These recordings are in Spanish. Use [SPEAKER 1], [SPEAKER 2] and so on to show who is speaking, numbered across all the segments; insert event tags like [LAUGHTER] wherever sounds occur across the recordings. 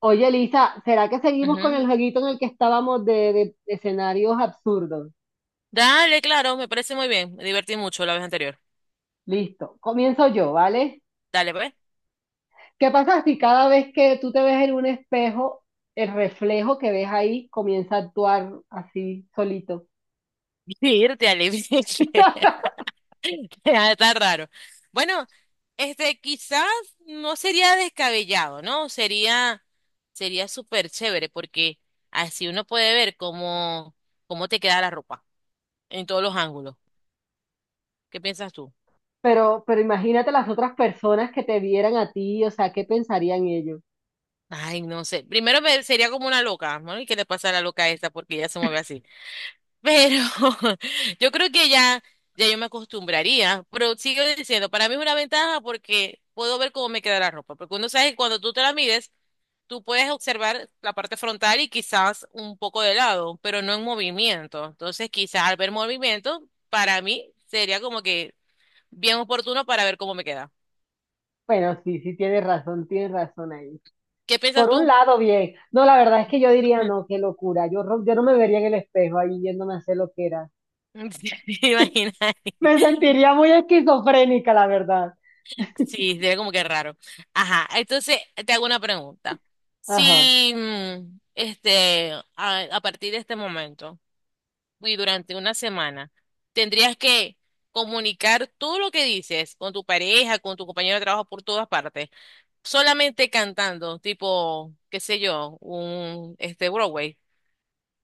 [SPEAKER 1] Oye, Lisa, ¿será que seguimos con
[SPEAKER 2] Ujú.
[SPEAKER 1] el jueguito en el que estábamos de escenarios absurdos?
[SPEAKER 2] Dale, claro, me parece muy bien. Me divertí mucho la vez anterior.
[SPEAKER 1] Listo, comienzo yo, ¿vale?
[SPEAKER 2] Dale, pues.
[SPEAKER 1] ¿Qué pasa si cada vez que tú te ves en un espejo, el reflejo que ves ahí comienza a actuar así solito?
[SPEAKER 2] Irte, Ale.
[SPEAKER 1] [LAUGHS]
[SPEAKER 2] [LAUGHS] Está raro. Bueno, quizás no sería descabellado, ¿no? Sería súper chévere porque así uno puede ver cómo te queda la ropa en todos los ángulos. ¿Qué piensas tú?
[SPEAKER 1] Pero imagínate las otras personas que te vieran a ti, o sea, ¿qué pensarían ellos?
[SPEAKER 2] Ay, no sé. Primero sería como una loca, ¿no? ¿Y qué le pasa a la loca esta? Porque ella se mueve así. Pero [LAUGHS] yo creo que ya, ya yo me acostumbraría, pero sigo diciendo, para mí es una ventaja porque puedo ver cómo me queda la ropa, porque uno sabe que cuando tú te la mides, tú puedes observar la parte frontal y quizás un poco de lado, pero no en movimiento. Entonces, quizás al ver movimiento, para mí sería como que bien oportuno para ver cómo me queda.
[SPEAKER 1] Bueno, sí, sí, tienes razón ahí.
[SPEAKER 2] ¿Qué piensas
[SPEAKER 1] Por un
[SPEAKER 2] tú?
[SPEAKER 1] lado, bien. No, la verdad es que yo diría, no,
[SPEAKER 2] [LAUGHS]
[SPEAKER 1] qué locura. Yo no me vería en el espejo ahí yéndome a hacer lo que era.
[SPEAKER 2] Sí. [LAUGHS] Imagina.
[SPEAKER 1] Me sentiría muy esquizofrénica, la verdad.
[SPEAKER 2] Sí, sería como que raro. Ajá, entonces te hago una pregunta.
[SPEAKER 1] Ajá.
[SPEAKER 2] Si, a partir de este momento y durante una semana, tendrías que comunicar todo lo que dices con tu pareja, con tu compañero de trabajo por todas partes, solamente cantando, tipo, qué sé yo, un, Broadway.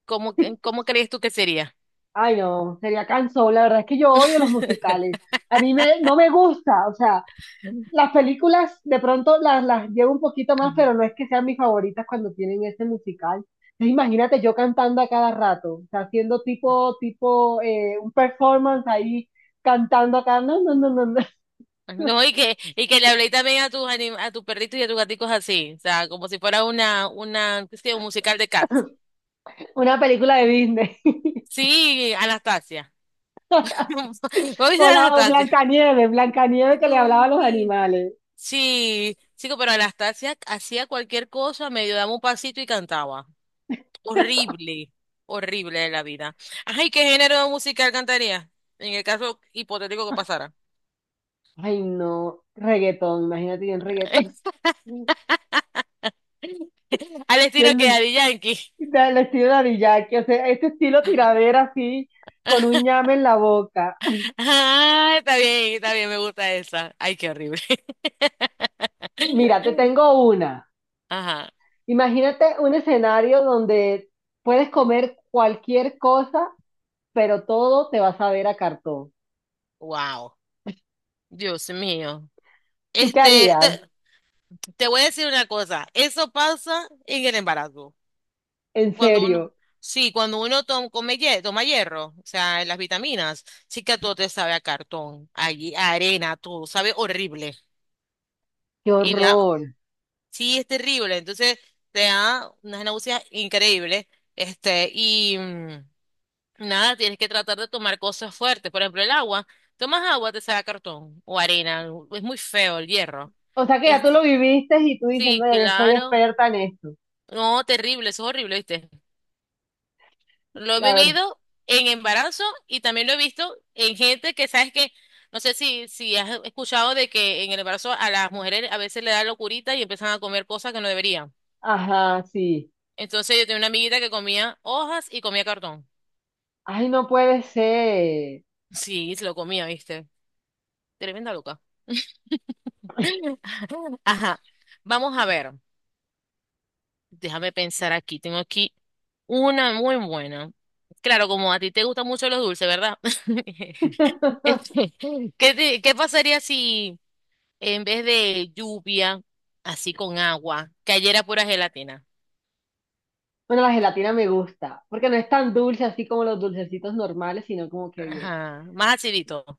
[SPEAKER 2] ¿Cómo crees tú que sería?
[SPEAKER 1] Ay, no, sería cansón. La verdad es que yo odio los musicales.
[SPEAKER 2] [LAUGHS]
[SPEAKER 1] No me gusta. O sea, las películas de pronto las llevo un poquito más, pero no es que sean mis favoritas cuando tienen ese musical. Entonces, imagínate yo cantando a cada rato, o sea, haciendo un performance ahí, cantando acá. No, no, no, no, no. [LAUGHS]
[SPEAKER 2] No, y que le hablé también a a tus perritos y a tus gaticos así, o sea, como si fuera una, qué sé yo, un musical de Cats.
[SPEAKER 1] Una película de Disney. [LAUGHS]
[SPEAKER 2] Sí, Anastasia. [LAUGHS] ¿Vos viste
[SPEAKER 1] O
[SPEAKER 2] a
[SPEAKER 1] la o
[SPEAKER 2] Anastasia?
[SPEAKER 1] Blancanieves, Blancanieves que le hablaba a
[SPEAKER 2] Dios
[SPEAKER 1] los
[SPEAKER 2] mío.
[SPEAKER 1] animales.
[SPEAKER 2] Sí, chico, pero Anastasia hacía cualquier cosa, medio daba un pasito y cantaba. Horrible, horrible de la vida. Ajá, ¿y qué género de musical cantaría? En el caso hipotético que pasara.
[SPEAKER 1] Ay, no, reggaetón, imagínate yo en reggaetón. [LAUGHS]
[SPEAKER 2] [LAUGHS] Al
[SPEAKER 1] Que
[SPEAKER 2] estilo que Daddy Yankee.
[SPEAKER 1] el estilo de Daddy que o sea, este estilo
[SPEAKER 2] [LAUGHS]
[SPEAKER 1] tiradera así, con un ñame en la boca.
[SPEAKER 2] Ah, está bien, me gusta esa. Ay, qué horrible.
[SPEAKER 1] Mira, te
[SPEAKER 2] [LAUGHS]
[SPEAKER 1] tengo una.
[SPEAKER 2] Ajá,
[SPEAKER 1] Imagínate un escenario donde puedes comer cualquier cosa, pero todo te va a saber a cartón.
[SPEAKER 2] wow, Dios mío.
[SPEAKER 1] ¿Tú qué
[SPEAKER 2] Este, te,
[SPEAKER 1] harías?
[SPEAKER 2] te voy a decir una cosa, eso pasa en el embarazo.
[SPEAKER 1] En
[SPEAKER 2] Cuando uno,
[SPEAKER 1] serio,
[SPEAKER 2] sí, cuando uno toma hierro, o sea, las vitaminas, sí que todo te sabe a cartón, allí, a arena, todo sabe horrible.
[SPEAKER 1] qué
[SPEAKER 2] Y
[SPEAKER 1] horror.
[SPEAKER 2] sí, es terrible. Entonces, te da unas náuseas increíbles. Este, y. mm, Nada, tienes que tratar de tomar cosas fuertes. Por ejemplo, el agua. Tomas agua, te saca cartón o arena. Es muy feo el hierro.
[SPEAKER 1] O sea que ya tú
[SPEAKER 2] Este,
[SPEAKER 1] lo viviste y tú dices,
[SPEAKER 2] sí,
[SPEAKER 1] no, ya yo soy
[SPEAKER 2] claro.
[SPEAKER 1] experta en esto.
[SPEAKER 2] No, terrible, eso es horrible, ¿viste? Lo he
[SPEAKER 1] La verdad.
[SPEAKER 2] vivido en embarazo y también lo he visto en gente que, ¿sabes que? No sé si has escuchado de que en el embarazo a las mujeres a veces le da locurita y empiezan a comer cosas que no deberían.
[SPEAKER 1] Ajá, sí.
[SPEAKER 2] Entonces yo tenía una amiguita que comía hojas y comía cartón.
[SPEAKER 1] Ay, no puede ser.
[SPEAKER 2] Sí, se lo comía, ¿viste? Tremenda loca. [LAUGHS] Ajá. Vamos a ver. Déjame pensar aquí. Tengo aquí una muy buena. Claro, como a ti te gustan mucho los dulces, ¿verdad? [LAUGHS]
[SPEAKER 1] [LAUGHS]
[SPEAKER 2] Este, ¿qué pasaría si en vez de lluvia, así con agua, cayera pura gelatina?
[SPEAKER 1] Bueno, la gelatina me gusta, porque no es tan dulce así como los dulcecitos normales, sino como que bien.
[SPEAKER 2] Ajá, más acidito.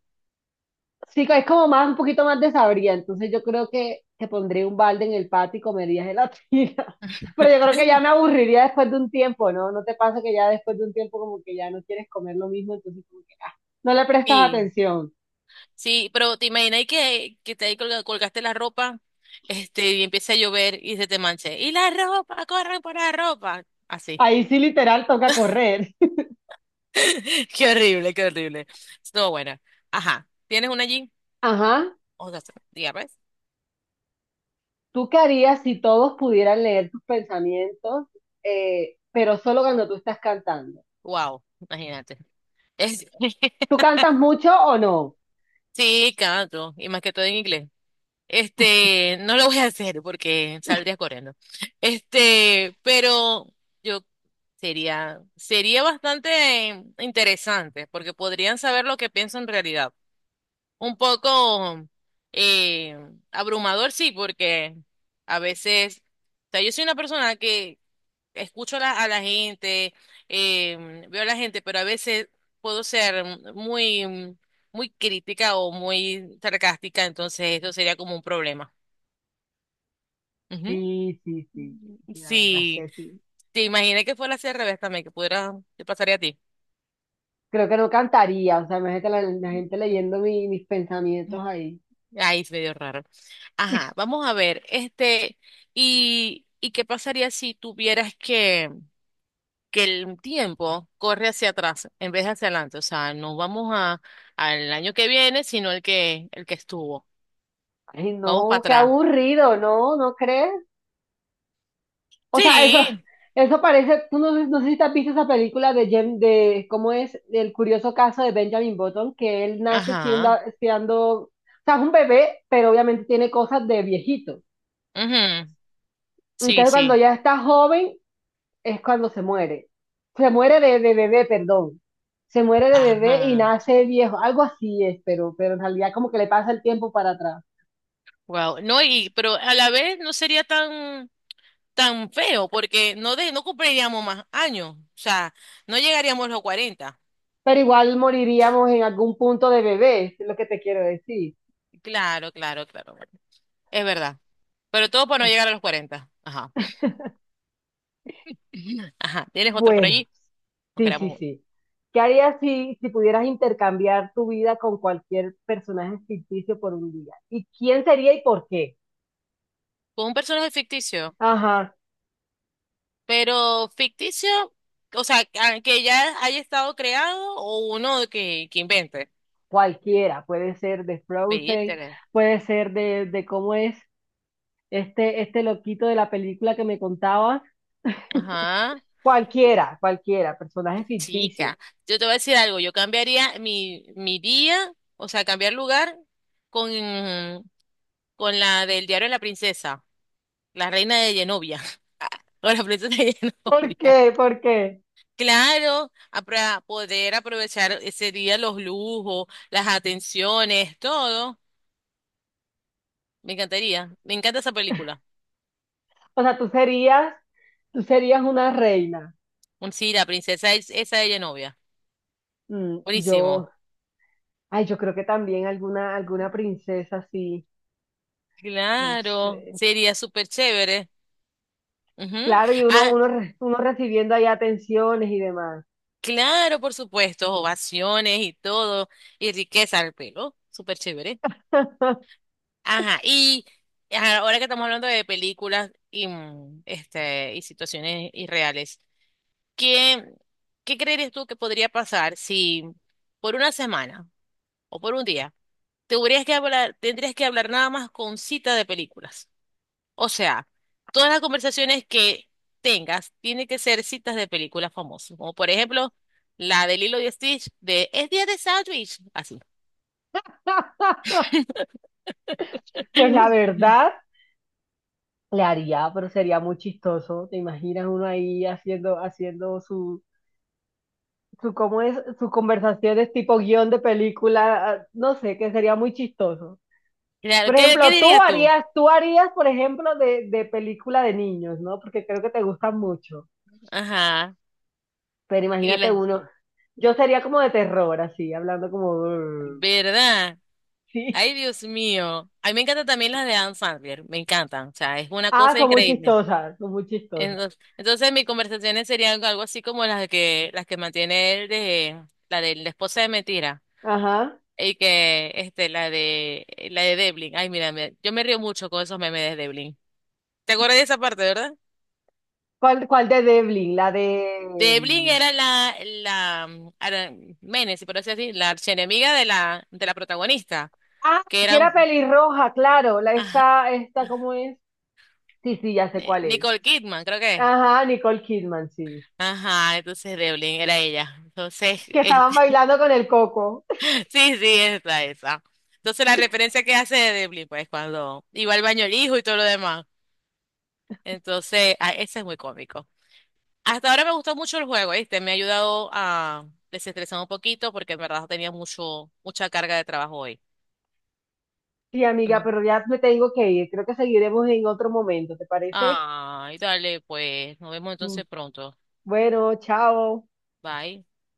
[SPEAKER 1] Sí, es como más, un poquito más de sabría, entonces yo creo que te pondría un balde en el patio y comería gelatina. [LAUGHS] Pero yo creo que ya me aburriría después de un tiempo, ¿no? ¿No te pasa que ya después de un tiempo como que ya no quieres comer lo mismo, entonces como que ah, no le prestas
[SPEAKER 2] Sí,
[SPEAKER 1] atención?
[SPEAKER 2] sí, pero te imaginas que te ahí colgaste la ropa, y empieza a llover y se te manche. Y la ropa, corre por la ropa. Así.
[SPEAKER 1] Ahí sí literal toca correr.
[SPEAKER 2] [LAUGHS] Qué horrible, qué horrible. Estuvo buena. Ajá. ¿Tienes una allí?
[SPEAKER 1] [LAUGHS] Ajá.
[SPEAKER 2] O sea, ya ves.
[SPEAKER 1] ¿Tú qué harías si todos pudieran leer tus pensamientos, pero solo cuando tú estás cantando?
[SPEAKER 2] Wow, imagínate. Es-
[SPEAKER 1] ¿Tú
[SPEAKER 2] [LAUGHS]
[SPEAKER 1] cantas mucho o no?
[SPEAKER 2] Sí, canto. Y más que todo en inglés. No lo voy a hacer porque saldría corriendo. Pero yo sería bastante interesante porque podrían saber lo que pienso en realidad. Un poco eh, abrumador, sí, porque a veces, o sea, yo soy una persona que escucho a la gente, veo a la gente, pero a veces puedo ser muy, muy crítica o muy sarcástica, entonces eso sería como un problema. Ujú.
[SPEAKER 1] Sí, sí, sí, sí, la verdad es
[SPEAKER 2] Sí,
[SPEAKER 1] que sí.
[SPEAKER 2] te imaginé que fuera así al revés también, que pudiera, te pasaría a ti.
[SPEAKER 1] Creo que no cantaría, o sea, imagínate la gente
[SPEAKER 2] Mm.
[SPEAKER 1] leyendo mis pensamientos ahí.
[SPEAKER 2] Ay, es medio raro. Ajá, vamos a ver, ¿y qué pasaría si tuvieras que el tiempo corre hacia atrás en vez de hacia adelante? O sea, no vamos al año que viene, sino el que estuvo.
[SPEAKER 1] Ay,
[SPEAKER 2] Vamos para
[SPEAKER 1] no, qué
[SPEAKER 2] atrás.
[SPEAKER 1] aburrido, ¿no? ¿No crees? O sea,
[SPEAKER 2] Sí.
[SPEAKER 1] eso parece, tú no, sé- no sé si te has visto esa película de ¿cómo es? El curioso caso de Benjamin Button, que él nace siendo,
[SPEAKER 2] Ajá.
[SPEAKER 1] siendo, o sea, es un bebé, pero obviamente tiene cosas de viejito.
[SPEAKER 2] Ujú, sí,
[SPEAKER 1] Entonces, cuando
[SPEAKER 2] sí.
[SPEAKER 1] ya está joven, es cuando se muere. Se muere de bebé, perdón. Se muere de bebé y
[SPEAKER 2] Ajá.
[SPEAKER 1] nace viejo. Algo así es, pero en realidad como que le pasa el tiempo para atrás.
[SPEAKER 2] Wow. No, pero a la vez no sería tan, tan feo, porque no no cumpliríamos más años. O sea, no llegaríamos a los 40.
[SPEAKER 1] Pero igual moriríamos en algún punto de bebé, es lo que te quiero decir.
[SPEAKER 2] Claro, claro, claro. Es verdad. Pero todo para no llegar a los 40. Ajá. [LAUGHS] Ajá. ¿Tienes otro por
[SPEAKER 1] Bueno,
[SPEAKER 2] allí? ¿O
[SPEAKER 1] sí, sí,
[SPEAKER 2] creamos uno?
[SPEAKER 1] sí. ¿Qué harías si pudieras intercambiar tu vida con cualquier personaje ficticio por un día? ¿Y quién sería y por qué?
[SPEAKER 2] Con un personaje ficticio,
[SPEAKER 1] Ajá,
[SPEAKER 2] pero ficticio, o sea, que ya haya estado creado o uno que invente.
[SPEAKER 1] cualquiera. Puede ser de Frozen,
[SPEAKER 2] Vítele.
[SPEAKER 1] puede ser de cómo es este loquito de la película que me contabas.
[SPEAKER 2] Ajá.
[SPEAKER 1] [LAUGHS] Cualquiera, cualquiera, personaje ficticio.
[SPEAKER 2] Chica, yo te voy a decir algo, yo cambiaría mi día, o sea, cambiar lugar con, con la del diario de la princesa, la reina de Genovia, [LAUGHS] o la princesa de
[SPEAKER 1] ¿Por
[SPEAKER 2] Genovia.
[SPEAKER 1] qué? ¿Por qué?
[SPEAKER 2] Claro, para poder aprovechar ese día los lujos, las atenciones, todo. Me encantaría. Me encanta esa película.
[SPEAKER 1] O sea, tú serías una reina.
[SPEAKER 2] Un sí, la princesa es esa ella novia.
[SPEAKER 1] Mm, yo,
[SPEAKER 2] Buenísimo.
[SPEAKER 1] ay, yo creo que también alguna, alguna princesa así, no
[SPEAKER 2] Claro,
[SPEAKER 1] sé.
[SPEAKER 2] sería súper chévere. Ujú.
[SPEAKER 1] Claro, y
[SPEAKER 2] Ah,
[SPEAKER 1] uno recibiendo ahí atenciones y demás.
[SPEAKER 2] claro, por supuesto. Ovaciones y todo. Y riqueza al pelo. Súper chévere.
[SPEAKER 1] [LAUGHS]
[SPEAKER 2] Ajá. Y ajá, ahora que estamos hablando de películas y situaciones irreales, ¿qué, qué creerías tú que podría pasar si por una semana o por un día? Tendrías que hablar nada más con cita de películas. O sea, todas las conversaciones que tengas tienen que ser citas de películas famosas, como por ejemplo la de Lilo y Stitch de Es día de sándwich, así.
[SPEAKER 1] Pues la
[SPEAKER 2] [LAUGHS]
[SPEAKER 1] verdad, le haría, pero sería muy chistoso. ¿Te imaginas uno ahí haciendo, haciendo cómo es, su conversación es tipo guión de película, no sé, que sería muy chistoso.
[SPEAKER 2] Claro,
[SPEAKER 1] Por
[SPEAKER 2] ¿Qué
[SPEAKER 1] ejemplo,
[SPEAKER 2] dirías tú?
[SPEAKER 1] tú harías, por ejemplo, de película de niños, ¿no? Porque creo que te gustan mucho.
[SPEAKER 2] Ajá.
[SPEAKER 1] Pero
[SPEAKER 2] Y
[SPEAKER 1] imagínate
[SPEAKER 2] la
[SPEAKER 1] uno, yo sería como de terror, así, hablando como, [LAUGHS] "Brr",
[SPEAKER 2] verdad,
[SPEAKER 1] sí.
[SPEAKER 2] ay Dios mío, a mí me encantan también las de Anne Sandler, me encantan, o sea, es una
[SPEAKER 1] Ah,
[SPEAKER 2] cosa
[SPEAKER 1] son muy
[SPEAKER 2] increíble.
[SPEAKER 1] chistosas, son muy chistosas.
[SPEAKER 2] Entonces mis conversaciones serían algo así como las que mantiene él de la esposa de Mentira
[SPEAKER 1] Ajá.
[SPEAKER 2] y que la de Devlin. Ay, mira, yo me río mucho con esos memes de Devlin. ¿Te acuerdas de esa parte, verdad?
[SPEAKER 1] ¿Cuál, cuál de Devlin? La de...
[SPEAKER 2] Devlin
[SPEAKER 1] mm,
[SPEAKER 2] era la Menes, si por así decir, la archienemiga de la protagonista,
[SPEAKER 1] ah,
[SPEAKER 2] que
[SPEAKER 1] que
[SPEAKER 2] eran
[SPEAKER 1] era pelirroja, claro. La
[SPEAKER 2] ajá,
[SPEAKER 1] esta, esta, ¿cómo es? Sí, sí, ya sé
[SPEAKER 2] [LAUGHS]
[SPEAKER 1] cuál es.
[SPEAKER 2] Nicole Kidman, creo que es.
[SPEAKER 1] Ajá, Nicole Kidman, sí,
[SPEAKER 2] Ajá, entonces Devlin era ella. Entonces,
[SPEAKER 1] que estaban
[SPEAKER 2] este
[SPEAKER 1] bailando con el coco.
[SPEAKER 2] Sí, sí, es la esa. Entonces la referencia que hace de Deadpool, pues cuando iba al baño el hijo y todo lo demás. Entonces, ah, ese es muy cómico. Hasta ahora me gustó mucho el juego, ¿viste? Me ha ayudado a desestresar un poquito porque en verdad tenía mucha carga de trabajo hoy.
[SPEAKER 1] Sí, amiga,
[SPEAKER 2] Bueno.
[SPEAKER 1] pero ya me tengo que ir. Creo que seguiremos en otro momento, ¿te parece?
[SPEAKER 2] Ay, dale, pues, nos vemos
[SPEAKER 1] Mm,
[SPEAKER 2] entonces pronto.
[SPEAKER 1] bueno, chao.
[SPEAKER 2] Bye.